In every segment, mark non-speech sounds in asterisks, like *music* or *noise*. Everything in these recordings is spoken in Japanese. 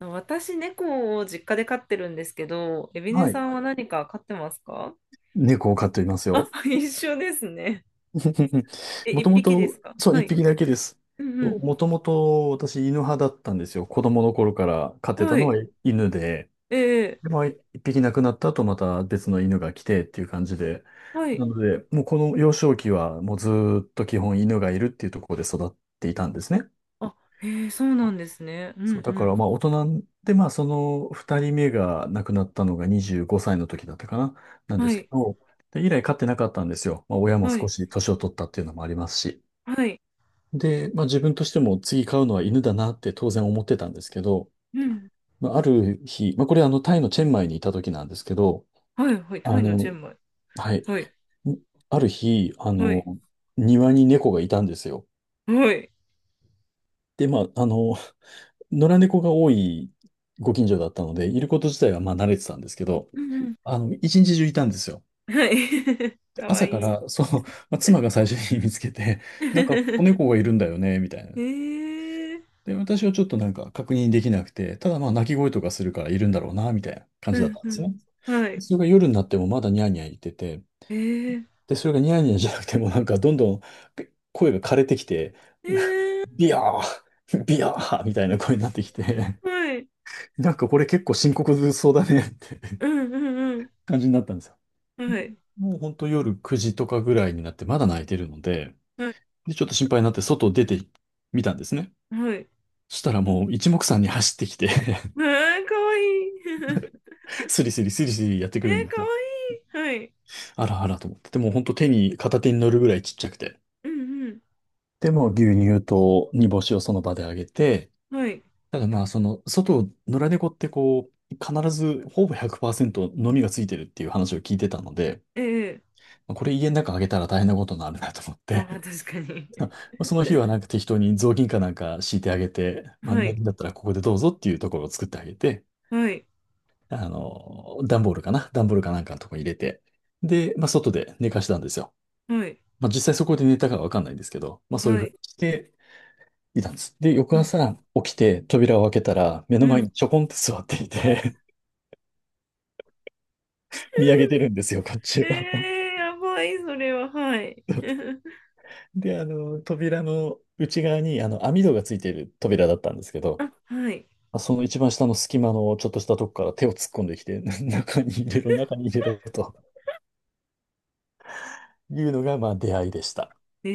私、猫を実家で飼ってるんですけど、エビネはさい。んは何か飼ってますか？猫を飼っていますあ、よ。*laughs* 一緒ですね。*laughs* え、もと一も匹ですと、か？そう、は一い。匹だけです。うんもともと私犬派だったんですよ。子供の頃から飼っうん。てたはのはい。犬で、ええ、で、まあ、一匹亡くなった後また別の犬が来てっていう感じで、はない。ので、もうこの幼少期はもうずーっと基本犬がいるっていうところで育っていたんですね。あ、ええ、そうなんですね。うそう、んだうかん。らまあ大人で、まあその二人目が亡くなったのが25歳の時だったかな、なんではすけい。ど、で、以来飼ってなかったんですよ。まあ親もは少い。し年を取ったっていうのもありますし。はい。で、まあ自分としても次飼うのは犬だなって当然思ってたんですけど、うん。まあある日、まあこれあのタイのチェンマイにいた時なんですけど、はい。はい。あタイのチの、ェンマイ。はい、はい。んある日、はい。庭に猫がいたんですよ。はい。で、まあ野良猫が多いご近所だったので、いること自体はまあ慣れてたんですけど、うんうん。一日中いたんですよ。はい。*laughs* で、かわ朝いかい。ら、そう、*laughs* まあ、妻が最初に見つけて、*laughs* なんか子 *laughs* 猫がいるんだよね、みたいな。ええ。で、私はちょっとなんか確認できなくて、ただまあ鳴き声とかするからいるんだろうな、みたいな感じうだっんたんでうすん。ね。はい。それが夜になってもまだニャーニャー言ってて、ええ。で、それがニャーニャーじゃなくてもなんかどんどん声が枯れてきて、え *laughs* え、ビヤー、*laughs* ビヤーみたいな声になってきて、はい。*laughs* なんかこれ結構深刻そうだねってうんうんうん。感じになったんですよ。はい。もうほんと夜9時とかぐらいになってまだ泣いてるので、はい。で、ちょっと心配になって外出てみたんですね。はい。そしたらもう一目散に走ってきて ああ、かわいい。*laughs* *laughs* スリスリスリスリやってえくるんー、でかすわよ。いい。はい。あらあらと思って。でも本当手に、片手に乗るぐらいちっちゃくて。うんうん。でもう牛乳と煮干しをその場であげて、はい。ただまあその、外野良猫ってこう、必ずほぼ100%飲みがついてるっていう話を聞いてたので、ええ。まあこれ家の中あげたら大変なことになるなと思っああー、て 確かに。*laughs* ま *laughs* あその日はなんか適当に雑巾かなんか敷いてあげて、まあ、は寝るい。んだったらここでどうぞっていうところを作ってあげて、はい。段ボールかなんかのとこに入れて、で、まあ、外で寝かしたんですよ。はい。まあ、実際そこで寝たかはわかんないんですけど、まあ、そういうはふうにい。していたんです。で、う翌ん。朝起きて扉を開けたら、目うの前ん。にちょこんって座っていて *laughs* 見上げてるんですよ、こっちえを。え、やばい、それは。はい。*laughs* で、扉の内側に、網戸がついている扉だったんですけど、あ、はい。まあその一番下の隙間のちょっとしたとこから手を突っ込んできて、*laughs* 中に入れろ、中に入れろというのが、まあ、出会いでした。え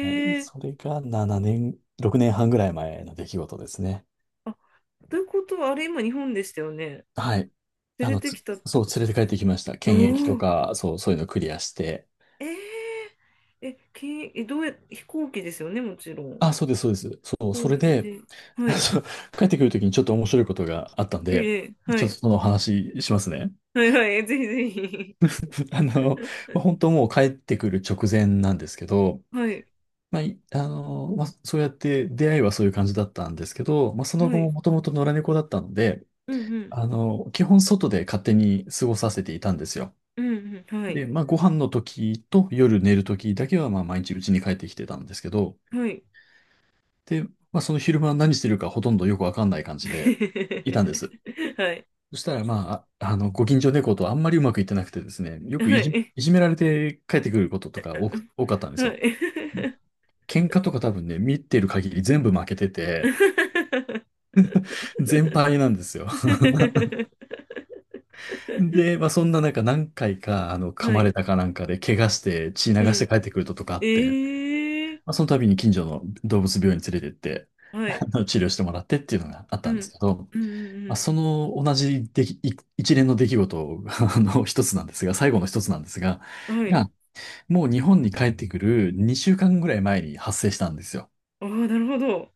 はい。それが7年、6年半ぐらい前の出来事ですね。あ、ということは、あれ、今、日本でしたよね。はい。連あれの、てつ、きたってそう、こと連ですれて帰か？ってきました。検疫とおお。か、そう、そういうのクリアして。ええ。え、け、え、どうや、飛行機ですよね、もちろん。あ、そうです、そうです。そう、飛そ行れ機で、で。は *laughs* い。そう帰ってくるときにちょっと面白いことがあったんで、ええ、はちょっい。とその話しますね。はいはい、ぜひぜひ。*laughs* あの、*laughs* まあ、本当もう帰ってくる直前なんですけど、はい、まあ、いあの、まあ、そうやって出会いはそういう感じだったんですけど、まあ、そのは後い、ももともと野良猫だったので、うんうん、基本外で勝手に過ごさせていたんですよ。うんうん、はで、い、まあ、ご飯の時と夜寝る時だけは、まあ、毎日家に帰ってきてたんですけど、はい。で、まあ、その昼間何してるかほとんどよくわかんない感じでいたんです。*laughs* はい、そしたら、まあ、ご近所猫とあんまりうまくいってなくてですね、よくはいじ、い、いじめられて帰ってくることとか多かったんですはよ。い。喧嘩とか多分ね、見てる限り全部負けてて、全敗なんですよ。で、まあ、そんな中何回か、噛はまれい、たかなんかで、怪我して血う流してん。帰ってくることとかあって、まええ。あ、その度に近所の動物病院に連れてって、ー、はい、治療してもらってっていうのがあっうたんですん、けど、うん、うまあ、ん、その同じでき、い一連の出来事あの一つなんですが、最後の一つなんですが、うん、はい。が、もう日本に帰ってくる2週間ぐらい前に発生したんですよ。ああ、なるほど。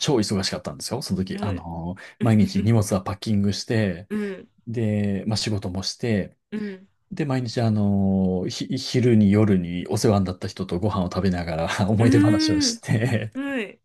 超忙しかったんですよ。その時、はい。毎日荷物はパッキングして、うん、で、まあ、仕事もして、うん、で、毎日、昼に夜にお世話になった人とご飯を食べながら *laughs* う思い出話をーしん、て はい。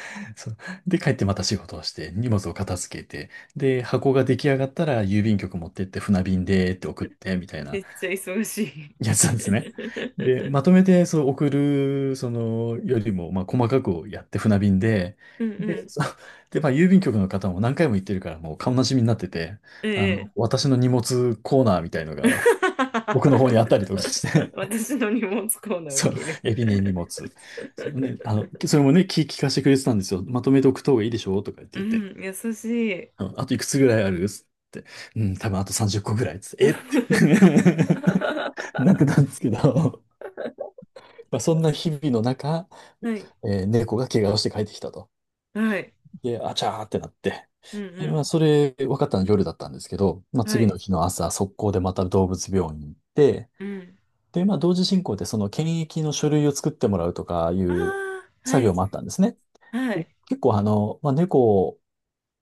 *laughs* そう、で、帰ってまた仕事をして、荷物を片付けて、で、箱が出来上がったら郵便局持ってって船便でって送って、みたいめなっちゃ忙しい。やつなんですね。で、*laughs* まとめて、そう、送る、その、よりも、まあ、細かくやって船便で、うん、うで、ん、そうで、まあ、郵便局の方も何回も行ってるから、もう顔なじみになってて、ええ。 私の荷物コーナーみたいのが、僕の方にあったりとかし *laughs* て私の荷物コーナーそう、受ける。エビね、荷物。そうね、あの、それもね、聞、聞かせてくれてたんですよ。まとめておくといいでしょうとか言っうて言って、ん、優しい。あのあといくつぐらいあるっつって、うん、多分あと30個ぐらいっつって、えって *laughs* はなってたんですけど、まあ、そんな日々の中、い。えー猫が怪我をして帰ってきたと。はい。で、あちゃーってなって。うで、まあ、んそれ分かったの夜だったんですけど、まあ、うん。は次い。の日の朝、速攻でまた動物病院に行って、うん。で、まあ、同時進行でその検疫の書類を作ってもらうとかいあうあ、は作い。業もあったんですね。はでい。結構あの、まあ、猫、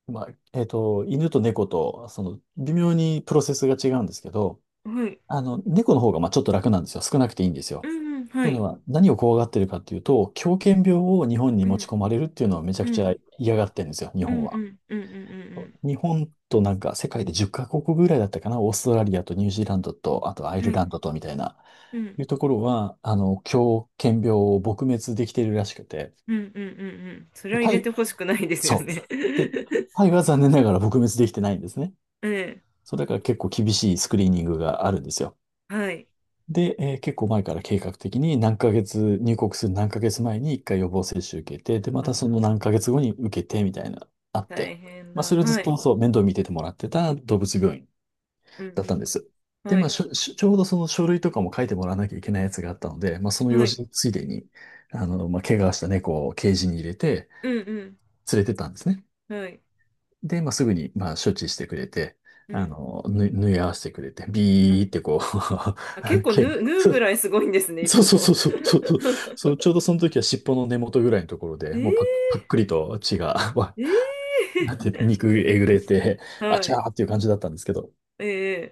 まあ、えっと、犬と猫と、その、微妙にプロセスが違うんですけど、はい。猫の方が、まあ、ちょっと楽なんですよ。少なくていいんですうよ。んうん。っはていうのい。は、何を怖がってるかっていうと、狂犬病を日本にう持ちん。込まれるっていうのをめちゃくうちん。ゃ嫌がってるんですよ、日うん本うは。んうんうんう日本となんか世界で10カ国ぐらいだったかな、オーストラリアとニュージーランドと、あとアイんうん。ルはラい。ンドとみたいな、うん。いうところは、狂犬病を撲滅できてるらしくて、うんうんうんうん。それは入タれイてほしくないですよそう。ね。で、*laughs* タイは残念ながら撲滅できてないんですね。ええ。そうだから結構厳しいスクリーニングがあるんですよ。はい。で、えー結構前から計画的に何ヶ月、入国する何ヶ月前に一回予防接種受けて、で、またその何ヶあ月後に受けてみたいな、あー、っ大て。変まあ、だ。それずはっとい。そう、面倒見ててもらってた動物病院うんだったんでうす。ん。で、はまあ、い。しょ、しょちょうどその書類とかも書いてもらわなきゃいけないやつがあったので、まあ、そのは用い。事ついでに、まあ、怪我した猫をケージに入れてうんうん。連れてったんですね。はい。で、まあ、すぐに、まあ、処置してくれて、うん。縫い合わせてくれて、ビーってこう。 あ、結 *laughs* 構け縫う、縫うぐらいすごいんですね、いそうつそうも。そうそうそうそう、*laughs* そうちょうどその時は尻尾の根元ぐらいのところえで、ー、もうパックリと血が、*laughs* わなんて、え肉えぐれて、ー、あはちゃい、ーっていう感じだったんですけど、え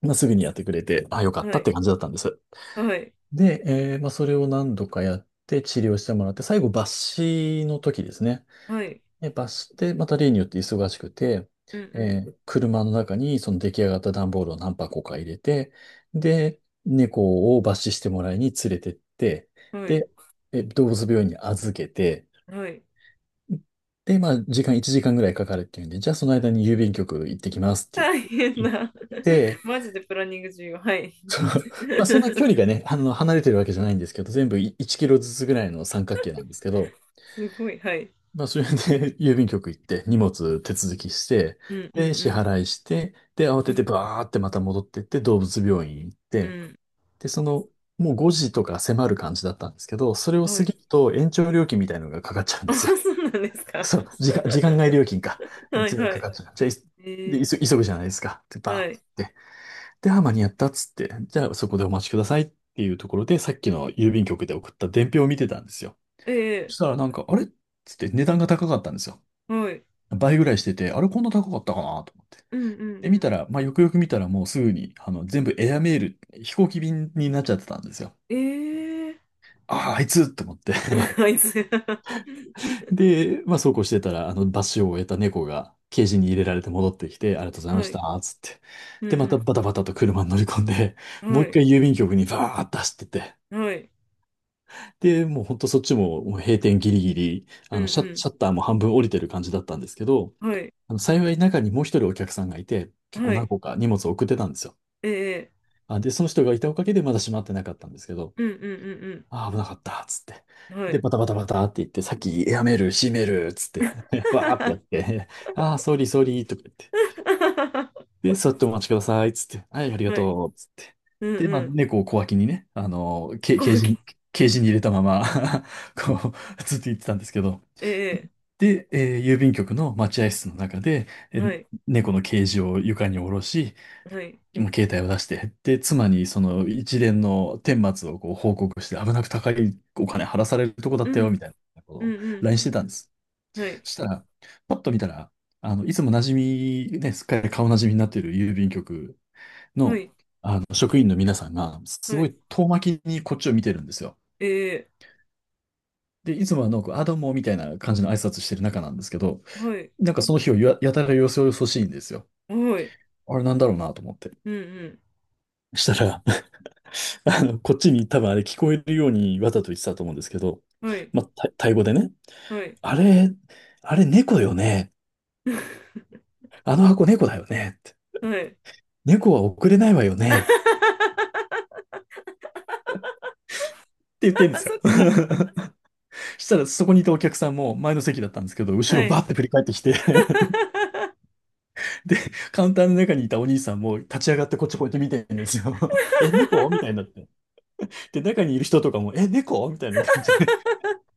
まあ、すぐにやってくれて、あ、よかー、っはたっい、て感じだったんです。はい、で、まあ、それを何度かやって治療してもらって、最後抜歯の時ですね。はい、で、バスで、また例によって忙しくて、うん車の中にその出来上がった段ボールを何箱か入れて、で、猫を罰視してもらいに連れてって、うん、はい、で、動物病院に預けて、はい。で、まあ、時間1時間ぐらいかかるっていうんで、じゃあその間に郵便局行ってきますって大言って変行っな。*laughs* て、マジでプランニング重要。はい。その、まあ、そんな距離が *laughs* ね、離れてるわけじゃないんですけど、全部1キロずつぐらいの三角形なんですけど、すごい、はい。まあ、それで *laughs* 郵便局行って荷物手続きして、うんうで、支ん払いして、で、慌うててん。バーってまた戻ってって動物病院行っうて、んで、その、もう5時とか迫る感じだったんですけど、それをうん。は過い。ぎると延長料金みたいなのがかかっちゃうんであ、すよ。そうなんです *laughs* か？そう、時 *laughs* 間外料金か。っはいていうのがはかかい。っちゃう。じゃあ、え急ぐじゃないですか。で、ー、バーはっい。て。で、あ、間に合ったっつって、じゃあそこでお待ちくださいっていうところで、さっきの郵便局で送った伝票を見てたんですよ。そえしたらなんか、あれっつって値段が高かったんですよ。ー、はい。倍ぐらいしてて、あれこんな高かったかなと思って。うんうんで、う見たん。ら、まあ、よくよく見たらもうすぐに、全部エアメール、飛行機便になっちゃってたんですよ。えー、ああ、あいつと思って。 *laughs* *laughs* あいつ。で、まあ、そうこうしてたら、罰を終えた猫が、ケージに入れられて戻ってきて、ありがとうございまはしい。た、つって。うんで、まうたん、バタバタと車に乗り込んで、もはう一い、回郵便局にバーッと走ってて。はい、で、もうほんとそっちも、もう閉店ギリギリ、うシャんッターも半分降りてる感じだったんですけど、うん、はい、幸い中にもう一人お客さんがいて、結構は何い、個か荷物を送ってたんですよ。ええ、あ、で、その人がいたおかげでまだ閉まってなかったんですけど、うんうんあー、危なかった、つって。うんうん、はで、い。バタバタバタって言って、さっきやめる、閉める、つって、*laughs* わーってやって、*laughs* あー、ソーリー、ソーリー、とか言って。*laughs* で、座ってお待ちください、つって。はい、ありがはい、とう、つって。うんで、まあ、う猫を小脇にね、ん、こうき、ケージに入れたまま *laughs* こう、ずっと言ってたんですけど。えで、郵便局の待合室の中で、え、はい、猫のケージを床に下ろし、はい、もう携帯を出して、で、妻にその一連の顛末をこう報告して、危なく高いお金払わされるとこだうったよ、みん、たいなことうんを うん、LINE してたんです。はい、そしたら、パッと見たら、あの、いつも馴染み、ね、すっかり顔馴染みになっている郵便局はの、い、職員の皆さんが、すはごい、い遠巻きにこっちを見てるんですよ。ええ、で、いつもはなんか、あ、どうも、みたいな感じの挨拶してる中なんですけど、はい、なんかその日をややたらよそよそしいんですよ。はい、あれなんだろうなと思って。うんうしたら、こっちに多分あれ聞こえるようにわざと言ってたと思うんですけど、ん、はい、まあ、タイ語でね、はい、あれ、あれ猫よね。*laughs* あの箱猫だよね。ってはい。猫は送れないわよね。っ *laughs* て言ってんですよ。そっか、*laughs* したらそこにいたお客さんも前の席だったんですけど、後はろバい。ーって振り返ってきて。 *laughs* *laughs* で、カウンターの中にいたお兄さんも立ち上がってこっちこうやって見てるんですよ。*laughs* え、猫みたいになって。で、中にいる人とかも、え、猫みたいな感じで、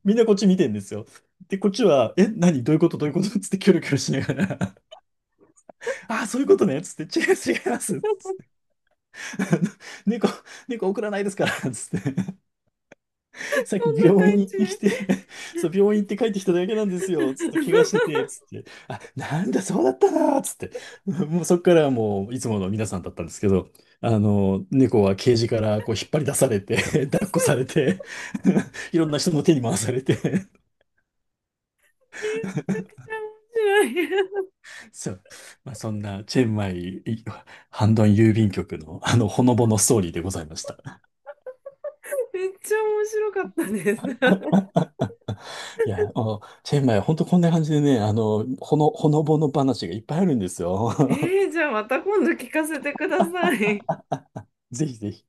みんなこっち見てんですよ。で、こっちは、え、何どういうことどういうことつってキョロキョロしながら、ああ、そういうことね、つって、違います違います。つって *laughs* 猫、猫送らないですから、つって。そさっきんな病感院にじ。来てきて、そう、病院行って帰ってきただけなんですよ、つって、怪我してて、つ *laughs* って。あ、なんだ、そうだったな、つって。もうそっからはもう、いつもの皆さんだったんですけど、猫はケージからこう引っ張り出されて、*laughs* 抱っこされて、*laughs* いろんな人の手に回されて、えー、めちゃくちゃ面白い。そう。まあ、そんな、チェンマイ、いハンドン郵便局の、ほのぼのストーリーでございました。*laughs* めっちゃ面白かったです。いや、チェンマイ、ほんとこんな感じでね、ほのぼの話がいっぱいあるんですよ。*laughs* *laughs* えー、じゃあまた今度聞かせてください。ぜひぜひ。